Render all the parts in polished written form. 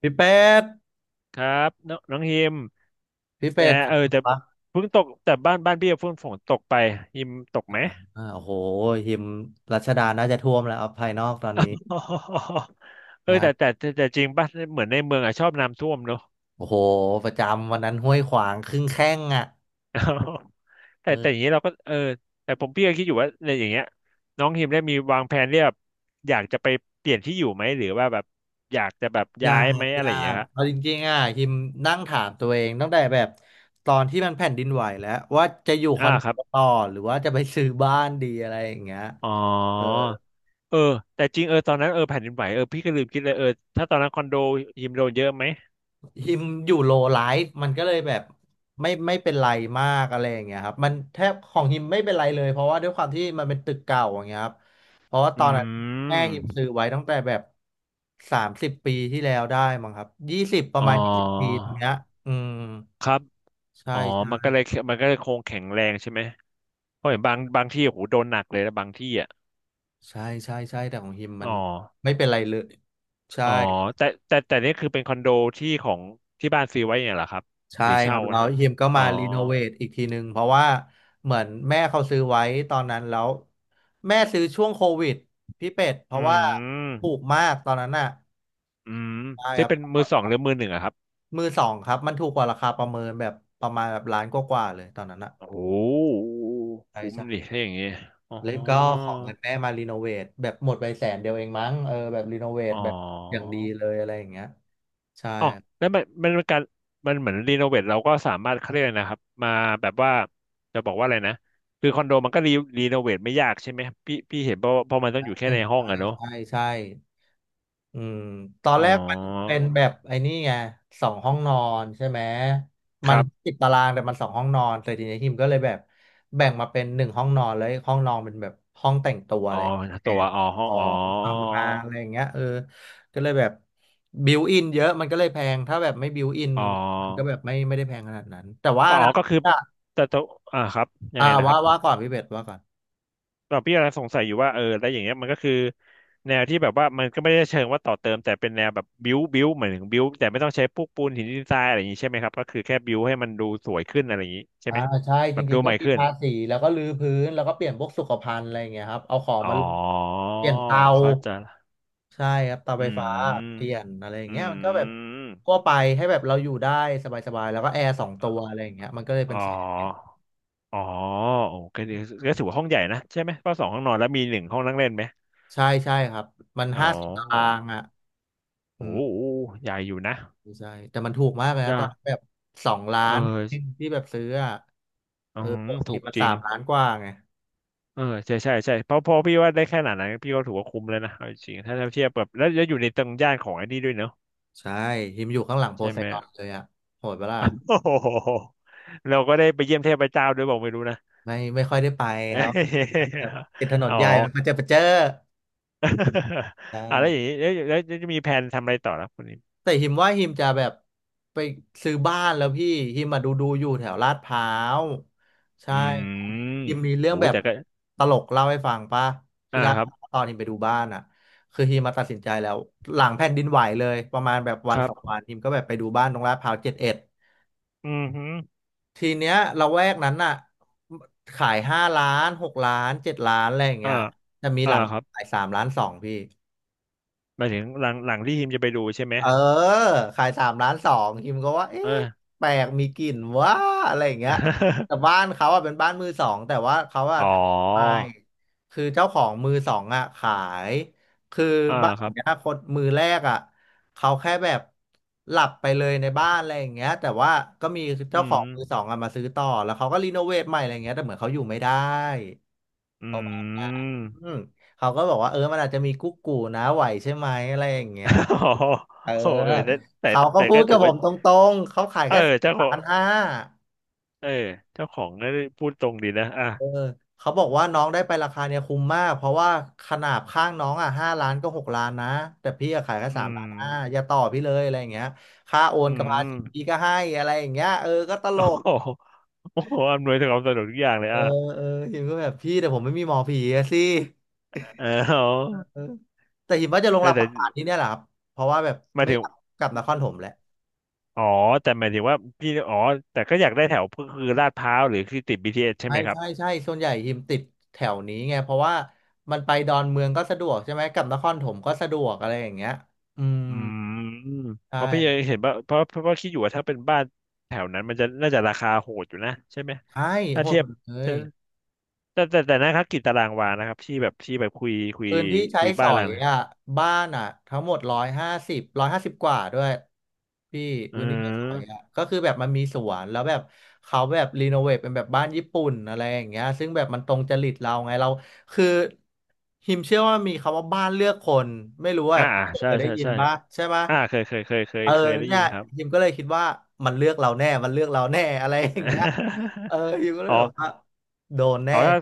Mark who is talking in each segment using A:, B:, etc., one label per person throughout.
A: พี่เป็ด
B: ครับน้องน้องฮิม
A: พี่
B: เอ
A: เป็
B: อ
A: ด
B: เออ
A: บอ
B: แต่
A: กว่า
B: เพิ่งตกแต่บ้านบ้านพี่เพิ่งฝนตกไปฮิมตกไหม
A: โอ้โหหิมรัชดาน่าจะท่วมแล้วเอาภายนอกตอนนี้
B: เออ
A: นะ
B: แต่แต่แต่แต่จริงป่ะเหมือนในเมืองอะชอบน้ำท่วมเนอะ
A: โอ้โหประจำวันนั้นห้วยขวางครึ่งแข้งอ่ะ
B: แต่อย่าง
A: เอ
B: นี้เราก็แต่ผมพี่ก็คิดอยู่ว่าในอย่างเงี้ยน้องฮิมได้มีวางแผนเรียบอยากจะไปเปลี่ยนที่อยู่ไหมหรือว่าแบบอยากจะแบบ
A: อยา
B: ย้ายไหม
A: ก
B: อะไร
A: ยา
B: อย่างเงี้
A: ก
B: ยครับ
A: เอาจริงๆอ่ะหิมนั่งถามตัวเองตั้งแต่แบบตอนที่มันแผ่นดินไหวแล้วว่าจะอยู่ค
B: อ่า
A: อนโด
B: ครับ
A: ต่อหรือว่าจะไปซื้อบ้านดีอะไรอย่างเงี้ย
B: อ๋อเออแต่จริงตอนนั้นแผ่นดินไหวพี่ก็ลืมคิดเลยถ้าตอนนั้นคอนโดฮิมโดนเยอะไหม
A: ฮิมอยู่โลไลฟ์มันก็เลยแบบไม่ไม่เป็นไรมากอะไรอย่างเงี้ยครับมันแทบของฮิมไม่เป็นไรเลยเพราะว่าด้วยความที่มันเป็นตึกเก่าอย่างเงี้ยครับเพราะว่าต
B: อื
A: อนนั้นแม่
B: ม
A: ฮิมซื้อไว้ตั้งแต่แบบ30 ปีที่แล้วได้มั้งครับยี่สิบป
B: อ๋
A: ระ
B: อ
A: มาณ20 ปีตรงเนี้ยอืม
B: ครับ
A: ใช่
B: อ๋อมันก็
A: ใช่
B: เลยมันก็เลยคงแข็งแรงใช่ไหมเพราะเห็นบางบางที่โอ้โหโดนหนักเลยนะบางที่อ่ะ
A: ใช่ใช่ใช่แต่ของฮิมมั
B: อ๋อ
A: นไม่เป็นไรเลยใช่
B: อ๋อแต่นี่คือเป็นคอนโดที่ของที่บ้านซื้อไว้เนี่ยเหรอครับ
A: ใช่
B: หรือ
A: ค
B: เช่า
A: รับแล้
B: นะ
A: ว
B: ครับ
A: ฮิมก็
B: อ๋
A: มา
B: อ
A: รีโนเวทอีกทีหนึ่งเพราะว่าเหมือนแม่เขาซื้อไว้ตอนนั้นแล้วแม่ซื้อช่วงโควิดพี่เป็ดเพ
B: อื
A: ราะว่าถูก
B: ม
A: มากตอนนั้นน่ะ
B: อืม
A: ใช่ค
B: ซื้อ
A: รับ
B: เป็นมือสองหรือมือหนึ่งอะครับ
A: มือสองครับมันถูกกว่าราคาประเมินแบบประมาณแบบล้านกว่าๆเลยตอนนั้นน่ะ
B: โอ้โห
A: ใช่
B: คุ้มดิ
A: ใช่
B: ถ้าอย่างงี้อ๋อ
A: แล้วก็ของเงินแม่มารีโนเวทแบบหมดไปแสนเดียวเองมั้งเออแบบรีโนเวท
B: อ๋อ
A: แบบอย่างดีเลยอะไรอย่างเงี้ยใช่
B: อ๋อแล้วมันเป็นการมันเหมือนรีโนเวทเราก็สามารถเขาเรียกอะไรนะครับมาแบบว่าจะบอกว่าอะไรนะคือคอนโดมันก็รีโนเวทไม่ยากใช่ไหมพี่เห็นเพราะมันต้อ
A: ใช
B: งอยู่แค่
A: ่
B: ในห้อ
A: ใช่
B: งอะเนอะ
A: ใช่ใช่ อืมตอน
B: อ๋อ
A: แรกมันเป็นแบบไอ้นี่ไงสองห้องนอนใช่ไหม
B: ค
A: มัน
B: รับ
A: ติดตารางแต่มันสองห้องนอนแต่ทีนี้ทีมก็เลยแบบแบ่งมาเป็นหนึ่งห้องนอนเลยห้องนอนเป็นแบบห้องแต่งตัว
B: อ๋
A: อะ
B: อ
A: ไรแอ
B: ตัว
A: น
B: อ๋อห้
A: ข
B: อง
A: อ
B: อ๋อ
A: งทำงานอะไรอย่างเงี้ยเออก็เลยแบบบิวอินเยอะมันก็เลยแพงถ้าแบบไม่บิวอิน
B: อ๋อ
A: มันก็แบบไม่ไม่ได้แพงขนาดนั้นแต่ว่า
B: ก็อ๋อ
A: นะ
B: ก็คือ
A: อ่ะ
B: แต่ตัวอ่าครับยั
A: อ่า
B: งไงนะค
A: ว่า
B: รับ
A: ว่าก่อนพี่เบสว่าก่อน
B: เราพี่กำลังสงสัยอยู่ว่าแล้วอย่างเงี้ยมันก็คือแนวที่แบบว่ามันก็ไม่ได้เชิงว่าต่อเติมแต่เป็นแนวแบบบิวเหมือนถึงบิวแต่ไม่ต้องใช้พวกปูนหินดินทรายอะไรอย่างงี้ใช่ไหมครับก็คือแค่บิวให้มันดูสวยขึ้นอะไรอย่างงี้ใช่
A: อ่า
B: ไหม
A: ใช่จ
B: แบบ
A: ริ
B: ดู
A: งๆ
B: ให
A: ก็
B: ม่
A: มี
B: ขึ้น
A: ทาสีแล้วก็รื้อพื้นแล้วก็เปลี่ยนพวกสุขภัณฑ์อะไรอย่างเงี้ยครับเอาของ
B: อ๋
A: มา
B: อ
A: ลงเปลี่ยนเตา
B: เข้าใจละ
A: ใช่ครับเตา
B: อื
A: ไฟฟ้าเปลี่
B: ม
A: ยนอะไรอย่าง
B: อื
A: เงี้ยมันก็แบบ
B: ม
A: ทั่วไปให้แบบเราอยู่ได้สบายๆแล้วก็แอร์สองตัวอะไรอย่างเงี้ยมันก็เลย
B: อ๋
A: เป็นแสน
B: ออ๋อโอ้ก็ดีก็ถือว่าห้องใหญ่นะใช่ไหมก็สองห้องนอนแล้วมีหนึ่งห้องนั่งเล่นไหม
A: ใช่ใช่ครับมัน
B: อ๋อ
A: 50 ตารางอ่ะอื
B: โอ้
A: ม
B: โหใหญ่อยู่นะ
A: ใช่แต่มันถูกมากเลยนะ
B: ย่า
A: ตอนแบบสองล้า
B: เอ
A: น
B: อ
A: ที่แบบซื้ออ่ะ
B: อื
A: เออป
B: ม
A: กติ
B: ถูก
A: มัน
B: จริ
A: สา
B: ง
A: มล้านกว่าไง
B: เออใช่เพราะพี่ว่าได้แค่ขนาดนั้นพี่ก็ถือว่าคุ้มแล้วนะเอาจริงๆถ้าเทียบแบบแล้วอยู่ในตรงย่านของไอ้นี่ด้วยเนอะ
A: ใช่ฮิมอยู่ข้างหลังโพ
B: ใช่
A: ไซ
B: ไหม
A: ดอนเลยอ่ะโหดปะล่ะ
B: โอ้โห เราก็ได้ไปเยี่ยมเทพเจ้าด้วยบอกไม่รู้นะ
A: ไม่ไม่ค่อยได้ไป
B: เอ
A: ครับ
B: ย
A: ครับติดถน
B: อ๋
A: น
B: อ
A: ใหญ่มันก็จะไปเจอ ใช่
B: อ่ะแล้วอย่างนี้แล้วจะมีแผนทำอะไรต่อแล้วคนนี้
A: แต่หิมว่าหิมจะแบบไปซื้อบ้านแล้วพี่หิมมาดูอยู่แถวลาดพร้าวใช่
B: อื
A: ครับหิ
B: ม
A: มมีเรื่อง
B: โอ้
A: แบบ
B: แต่ก็
A: ตลกเล่าให้ฟังป่ะ
B: อ่า
A: ที่ลาด
B: ค
A: พ
B: รับ
A: ร้าวตอนหิมไปดูบ้านอ่ะคือหิมมาตัดสินใจแล้วหลังแผ่นดินไหวเลยประมาณแบบวั
B: ค
A: น
B: รั
A: สองวั
B: บ
A: นหิมก็แบบไปดูบ้านตรงลาดพร้าว71
B: อืมฮึ
A: ทีเนี้ยละแวกนั้นน่ะขายห้าล้านหกล้าน7,000,000อะไรอย่าง
B: อ่า
A: เงี้ยจะมีห
B: อ่า
A: ลัง
B: ครับ
A: ขายสามล้านสองพี่
B: หมายถึงหลังหลังที่ทีมจะไปดูใช่ไหม
A: เออขาย3,200,000คิมก็ว่า
B: เอ
A: เอ๊ะ
B: อ
A: แปลกมีกลิ่นว่าอะไรอย่างเงี้ยแต่บ้านเขาอ่ะเป็นบ้านมือสองแต่ว่าเขาอ่ะ
B: อ๋
A: ท
B: อ
A: ำไปคือเจ้าของมือสองอ่ะขายคือ
B: อ่า
A: บ้าน
B: ค
A: ขอ
B: รั
A: ง
B: บ
A: เนี้ยคนมือแรกอ่ะเขาแค่แบบหลับไปเลยในบ้านอะไรอย่างเงี้ยแต่ว่าก็มีเจ้า
B: อื
A: ข
B: ม
A: องมือสองอ่ะมาซื้อต่อแล้วเขาก็รีโนเวทใหม่อะไรอย่างเงี้ยแต่เหมือนเขาอยู่ไม่ได้
B: อื
A: ปราะมาณนั้
B: ม
A: นเขาก็บอกว่าเออมันอาจจะมีกุ๊กกูนะไหวใช่ไหมอะไรอย่างเงี้
B: อ๋
A: ย
B: อ
A: เออ
B: โอ้แต่
A: เขาก็
B: แต่
A: พู
B: ก็
A: ด
B: ถื
A: กับ
B: อ
A: ผ
B: ว่า
A: มตรงๆเขาขาย
B: เออ
A: แค่
B: เจ้า
A: สาม
B: ข
A: ล้า
B: อง
A: นห้า
B: เออเจ้าของก็พูดตรงดีนะอ่ะ
A: เออเขาบอกว่าน้องได้ไปราคาเนี่ยคุ้มมากเพราะว่าขนาดข้างน้องอ่ะห้าล้านก็หกล้านนะแต่พี่อะขายแค่สา
B: อื
A: มล้า
B: ม
A: นห้าอย่าต่อพี่เลยอะไรอย่างเงี้ยค่าโอน
B: อื
A: กับภา
B: ม
A: ษีพี่ก็ให้อะไรอย่างเงี้ยเออก็ต ล
B: โอ้โ
A: ก
B: หโอ้โหอำนวยความสะดวกทุกอย่างเลย
A: เออ
B: อ่ะ
A: เออหิมก็แบบพี่แต่ผมไม่มีหมอผีอะสิ
B: เออเอา
A: เออแต่หิมว่าจะลง
B: แต่
A: รับป
B: แต่
A: ระกาศที่เนี่ยแหละครับเพราะว่าแบบ
B: หมาย
A: ไม่
B: ถึ
A: อ
B: ง
A: ยากกลับนครถมแล้ว
B: อ๋อแต่หมายถึงว่าพี่อ๋อแต่ก็อยากได้แถวก็คือลาดพร้าวหรือคือติด BTS ใช่
A: ใช่
B: ไหมครับ
A: ใช่ใช่ส่วนใหญ่ฮิมติดแถวนี้ไงเพราะว่ามันไปดอนเมืองก็สะดวกใช่ไหมกลับนครปฐมก็สะดวกอะไรอย่างเงี้ยอืม
B: อืม
A: ใช
B: เพราะพี่
A: ่
B: เห็นว่าเพราะว่าคิดอยู่ว่าถ้าเป็นบ้านแถวนั้นมันจะน่าจะราคาโหดอยู่นะใช่ไหม
A: ใช่
B: ถ้า
A: โหด
B: เทีย
A: หม
B: บ
A: ดเลย
B: แต่นะครับกิจตารางวานะครับที่แบบที่แบบคุย
A: พื้นที่ใช้
B: คุย
A: ส
B: บ้า
A: อ
B: นหลั
A: ย
B: งนะ
A: อ่ะบ้านอ่ะทั้งหมดร้อยห้าสิบกว่าด้วยพี่
B: อื
A: พื้นที่ใช้สอย
B: ม
A: อ่ะก็คือแบบมันมีสวนแล้วแบบเขาแบบรีโนเวทเป็นแบบบ้านญี่ปุ่นอะไรอย่างเงี้ยซึ่งแบบมันตรงจริตเราไงเราคือฮิมเชื่อว่ามีคำว่าบ้านเลือกคนไม่รู้ว่า
B: อ่า
A: แบบ
B: ใช่
A: เคยได้
B: ใช่
A: ยิน
B: ใช่
A: ป่ะใช่ปะ
B: อ่าเคยเคยเคยเคย
A: เออ
B: เคยได้
A: เนี่
B: ยิ
A: ย
B: นครับ
A: ฮิมก็เลยคิดว่ามันเลือกเราแน่มันเลือกเราแน่อะไรอย่างเงี้ยเออฮิมก็ เล
B: อ๋อ
A: ยแบบว่าโดนแน่
B: อ๋อถ้า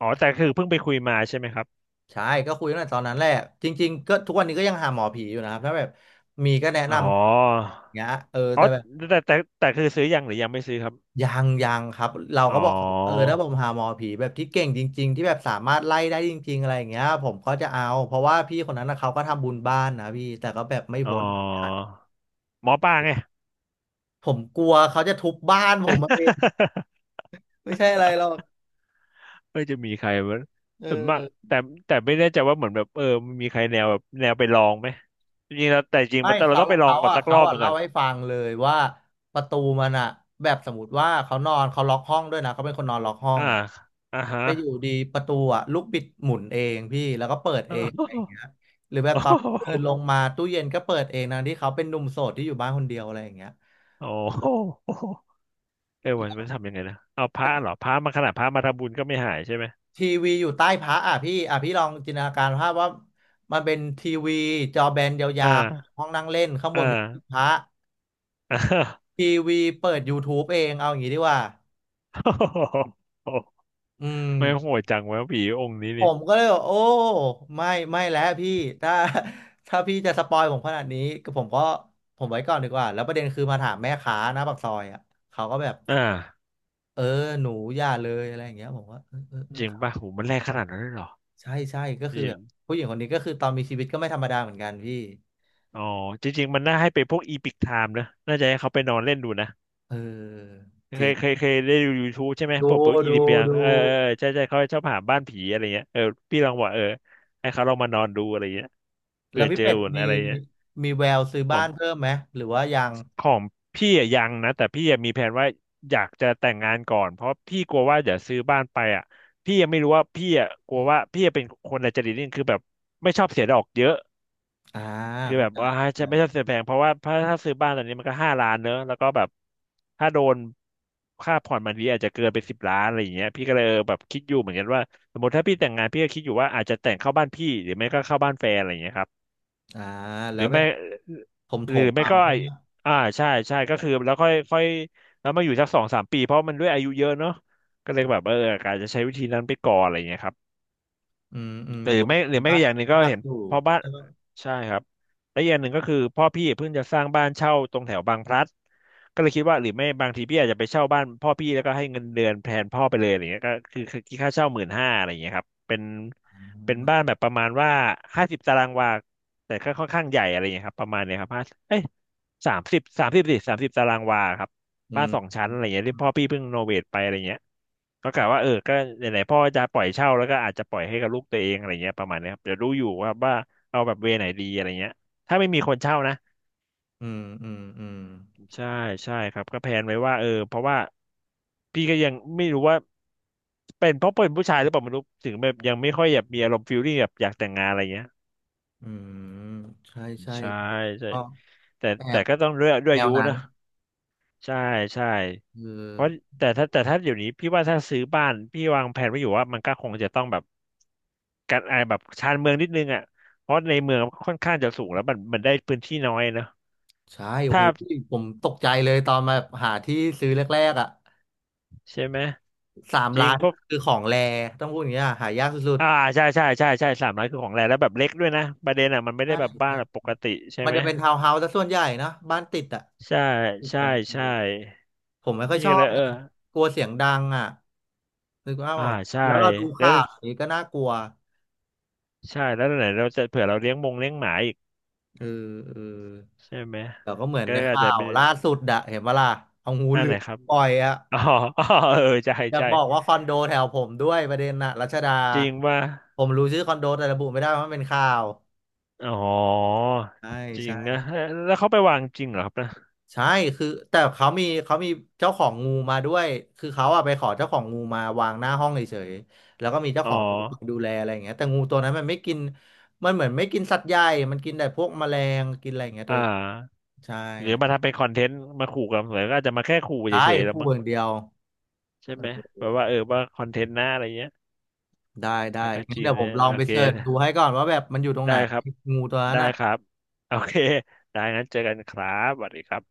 B: อ๋อแต่คือเพิ่งไปคุยมาใช่ไหมครับ
A: ใช่ก็คุยตั้งแต่ตอนนั้นแหละจริงๆก็ทุกวันนี้ก็ยังหาหมอผีอยู่นะครับถ้าแบบมีก็แนะน
B: อ๋อ
A: ำอย่างเงี้ยเออ
B: อ๋อ
A: แต่แบบ
B: แต่คือซื้อยังหรือยังไม่ซื้อครับ
A: ยังยังครับเรา
B: อ๋อ
A: ก็บอกเขาเออถ้าผมหาหมอผีแบบที่เก่งจริงๆที่แบบสามารถไล่ได้จริงๆอะไรอย่างเงี้ยผมก็จะเอาเพราะว่าพี่คนนั้นนะเขาก็ทำบุญบ้านนะพี่แต่ก็แบบไม่
B: อ๋อ
A: พ้น
B: หมอปลาไง
A: ผมกลัวเขาจะทุบบ้านผมมาเอง ไม่ใช่อะไรหรอก
B: เออจะมีใครมั้ย
A: เอ
B: ส่วนมาก
A: อ
B: แต่แต่ไม่แน่ใจว่าเหมือนแบบมันมีใครแนวแบบแนวไปลองไหมจริงๆแล้วแต่จริง
A: ไม่
B: มันต้องเรา
A: เขา
B: ต้องไปลอง
A: เขา
B: ก่อน
A: อ่ะ
B: สักร
A: เขา
B: อบห
A: อ่ะ
B: นึ่งก่
A: เล่า
B: อน
A: ให้ฟังเลยว่าประตูมันอ่ะแบบสมมติว่าเขานอนเขาล็อกห้องด้วยนะเขาเป็นคนนอนล็อกห้อ
B: อ่า
A: ง
B: อ่าฮะ
A: แต่อยู่ดีประตูอ่ะลูกบิดหมุนเองพี่แล้วก็เปิดเองอะไรอย่าง เงี้ยหรือแบบ
B: โอ้
A: ตอนเดินล
B: โห
A: งมาตู้เย็นก็เปิดเองนะที่เขาเป็นหนุ่มโสดที่อยู่บ้านคนเดียวอะไรอย่างเงี้ย
B: โอ้โหเออมันมันทำยังไงนะเอาพระเหรอพระมาขนาดพระมาทำบุญก็ไม่หายใช่ไหม
A: ทีวีอยู่ใต้พระอ่ะพี่อ่ะพี่ลองจินตนาการภาพว่ามันเป็นทีวีจอแบนย
B: อ่
A: าวๆ
B: า
A: ห้องนั่งเล่นข้างบ
B: อ่า
A: นเป็นที่พระ
B: อ่า
A: ทีวีเปิด YouTube เองเอาอย่างงี้ดีกว่า
B: โอ้โห
A: อืม
B: ไม่โหดจังวะผีองค์นี้
A: ผ
B: นี่
A: มก็เลยบอกโอ้ไม่ไม่แล้วพี่ถ้า ถ้าพี่จะสปอยผมขนาดนี้ก็ผมไว้ก่อนดีกว่าแล้วประเด็นคือมาถามแม่ค้าหน้าปากซอยอ่ะเขาก็แบบ
B: อ่า
A: เออหนูอย่าเลยอะไรอย่างเงี้ยผมว่าเออเออเออ
B: จริง
A: ครับ
B: ป่ะโหมันแรงขนาดนั้นเลยเหรอ
A: ใช่ใช่ก็คือแบบผู้หญิงคนนี้ก็คือตอนมีชีวิตก็ไม่ธรรมดาเหมือนกันพี่
B: อ๋อจริงๆมันน่าให้เป็นพวกอีพิกไทม์นะน่าจะให้เขาไปนอนเล่นดูนะ
A: เออ
B: เคยได้ดู YouTube ใช่ไหมพ
A: ดู
B: วกปุ๊บอีดิ
A: ดู
B: เปีย
A: ดู
B: เออเออใช่ใช่เขาชอบหาบ้านผีอะไรเงี้ยเออพี่ลองบอกเออให้เขาลองมานอนดูอะไรเงี้ย
A: แล้
B: เผื่
A: ว
B: อ
A: พี่
B: เจอ
A: เป็ด
B: อุ่น
A: มี
B: อะไรเงี้ย
A: แววซื้อ
B: ข
A: บ้า
B: อง
A: นเพิ่มไหมหรือว่ายัง
B: ของพี่อะยังนะแต่พี่ยังมีแผนว่าอยากจะแต่งงานก่อนเพราะพี่กลัวว่าเดี๋ยวซื้อบ้านไปอ่ะพี่ยังไม่รู้ว่าพี่อ่ะกลัวว่าพี่จะเป็นคนอัจฉริตนี่คือแบบไม่ชอบเสียดอกเยอะ
A: อ่า
B: คือแบ
A: เข้า
B: บ
A: ใจ
B: ว่า
A: เล
B: จะไม่ใช่
A: ย
B: ซื้อแพงเพราะว่าถ้าซื้อบ้านตอนนี้มันก็5 ล้านเนอะแล้วก็แบบถ้าโดนค่าผ่อนบางทีอาจจะเกินไป10 ล้านอะไรอย่างเงี้ยพี่ก็เลยแบบคิดอยู่เหมือนกันว่าสมมติถ้าพี่แต่งงานพี่ก็คิดอยู่ว่าอาจจะแต่งเข้าบ้านพี่หรือไม่ก็เข้าบ้านแฟนอะไรอย่างเงี้ยครับ
A: อ่า
B: ห
A: แล้
B: รื
A: ว
B: อ
A: แบ
B: ไม่
A: บผมถ
B: หรือ
A: ม
B: ไม่
A: เอา
B: ก็
A: ใช่
B: ไอ้
A: ไหม
B: อ่าใช่ใช่ก็คือแล้วค่อยค่อยแล้วมาอยู่สักสองสามปีเพราะมันด้วยอายุเยอะเนอะก็เลยแบบอาจจะใช้วิธีนั้นไปก่อนอะไรอย่างเงี้ยครับ
A: อืมอืม
B: หรื
A: โอ้
B: อ
A: โห
B: ไม่หรือไม่
A: บ้า
B: ก็
A: น
B: อย่างหนึ่งก็
A: หนัก
B: เห็น
A: อยู่
B: พ่อบ้าน
A: แล้วก็
B: ใช่ครับและอย่างหนึ่งก็คือพ่อพี่เพิ่งจะสร้างบ้านเช่าตรงแถวบางพลัดก็เลยคิดว่าหรือไม่บางทีพี่อาจจะไปเช่าบ้านพ่อพี่แล้วก็ให้เงินเดือนแทนพ่อไปเลยอะไรเงี้ยก็คือคิดค่าเช่า15,000อะไรเงี้ยครับเป็น
A: อื
B: เป็น
A: ม
B: บ้านแบบประมาณว่า50 ตารางวาแต่ก็ค่อนข้างใหญ่อะไรเงี้ยครับประมาณเนี้ยครับห้าเอ้ยสามสิบตารางวาครับ
A: อื
B: บ้านสอง
A: ม
B: ชั้นอะไรเงี้ยที่พ่อพี่เพิ่งโนเวทไปอะไรเงี้ยก็กะว่าก็ไหนๆพ่อจะปล่อยเช่าแล้วก็อาจจะปล่อยให้กับลูกตัวเองอะไรเงี้ยประมาณเนี้ยครับเดี๋ยวดูอยู่ว่าเอาแบบเวไหนดีอะไรเงี้ยถ้าไม่มีคนเช่านะ
A: อืมอืม
B: ใช่ใช่ครับก็แพลนไว้ว่าเพราะว่าพี่ก็ยังไม่รู้ว่าเป็นเพราะเป็นผู้ชายหรือเปล่าไม่รู้ถึงแบบยังไม่ค่อยแบบมีอารมณ์ฟิลลิ่งแบบอยากแต่งงานอะไรเงี้ย
A: อืมใช่ใช่
B: ใช่ใช่
A: ก็
B: แต่
A: แอ
B: แต่
A: บ
B: ก็ต้องด้วย
A: แน
B: อา
A: ว
B: ยุ
A: นั้น
B: นะใช่ใช่
A: คือ
B: เพราะแต่ถ้าแต่ถ้าอยู่นี้พี่ว่าถ้าซื้อบ้านพี่วางแผนไว้อยู่ว่ามันก็คงจะต้องแบบการไอแบบชานเมืองนิดนึงอ่ะเพราะในเมืองมันค่อนข้างจะสูงแล้วมันได้พื้นที่น้อยเนอะ
A: ใช่โอ้โห
B: ถ้า
A: ผมตกใจเลยตอนมาหาที่ซื้อแรกๆอ่ะ
B: ใช่ไหม
A: สาม
B: จริ
A: ล้า
B: ง
A: น
B: พวก
A: คือของแรต้องพูดอย่างเงี้ยหายากสุด
B: อ่าใช่ใช่ใช่ใช่300คือของแรงแล้วแบบเล็กด้วยนะประเด็นอ่ะมันไม่
A: ๆใช่
B: ได้แบบบ้าน
A: ใช่
B: แบบปกติใช่
A: มัน
B: ไหม
A: จะเป็นทาวน์เฮาส์ซะส่วนใหญ่เนอะบ้านติดอ่ะ
B: ใช่
A: ติด
B: ใช่
A: กันเล
B: ใช่
A: ยผมไม่ค่อย
B: พี่
A: ชอ
B: ก็เล
A: บ
B: ย
A: ไงกลัวเสียงดังอ่ะคือว่า
B: อ่า
A: แบบ
B: ใช่
A: แล้วเราดู
B: แล้ว
A: ข่าวอย่างนี้ก็น่ากลัว
B: ใช่แล้วไหนเราจะเผื่อเราเลี้ยงมงเลี้ยงหมาอีก
A: เออเออ
B: ใช่ไหม
A: แต่ก็เห
B: มั
A: มื
B: น
A: อน
B: ก็
A: ใน
B: อาจ
A: ข่า
B: จะ
A: ว
B: เป็น
A: ล่าสุดอะเห็นปะล่ะเอางู
B: อั
A: เห
B: น
A: ลื
B: ไหน
A: อม
B: ครับ
A: ปล่อยอะ
B: อ๋อ อ๋อเออใช่
A: อยาก
B: ใช่
A: บอกว่าคอนโดแถวผมด้วยประเด็นน่ะรัชดา
B: จริงป่ะ
A: ผมรู้ชื่อคอนโดแต่ระบุไม่ได้เพราะมันเป็นข่าว
B: อ๋อ
A: ใช่
B: จริง
A: ใช่
B: นะเแล้วเขาไปวางจริงเหรอครับนะ
A: ใช่คือแต่เขามีเจ้าของงูมาด้วยคือเขาอะไปขอเจ้าของงูมาวางหน้าห้องเฉยๆแล้วก็มีเจ้า
B: อ๋
A: ข
B: อ
A: องงูคอยดูแลอะไรอย่างเงี้ยแต่งูตัวนั้นมันไม่กินมันเหมือนไม่กินสัตว์ใหญ่มันกินแต่พวกแมลงกินอะไรอย่างเงี้ยตั
B: อ่า
A: วใช่
B: หรือมาทำเป็นคอนเทนต์มาขู่กันหรือก็อาจจะมาแค่ขู่
A: ใช่
B: เฉยๆแลว
A: คู่
B: มั้ง
A: อย่างเดียว
B: ใช่ไหมแบ
A: เออ
B: บว่าว่าคอนเทนต์หน้าอะไรเงี้ย
A: ได้ได้
B: แต่ก็
A: งั้น
B: จี
A: เดี๋
B: น
A: ยวผ
B: เนี่
A: ม
B: ย
A: ลอง
B: โอ
A: ไป
B: เค
A: เสิร์ชดูให้ก่อนว่าแบบมันอยู่ตรงไห
B: ได้
A: น
B: ครับ
A: งูตัวนั้น
B: ได้
A: อ่ะ
B: ครับโอเคได้งั้นเจอกันครับสวัสดีครับ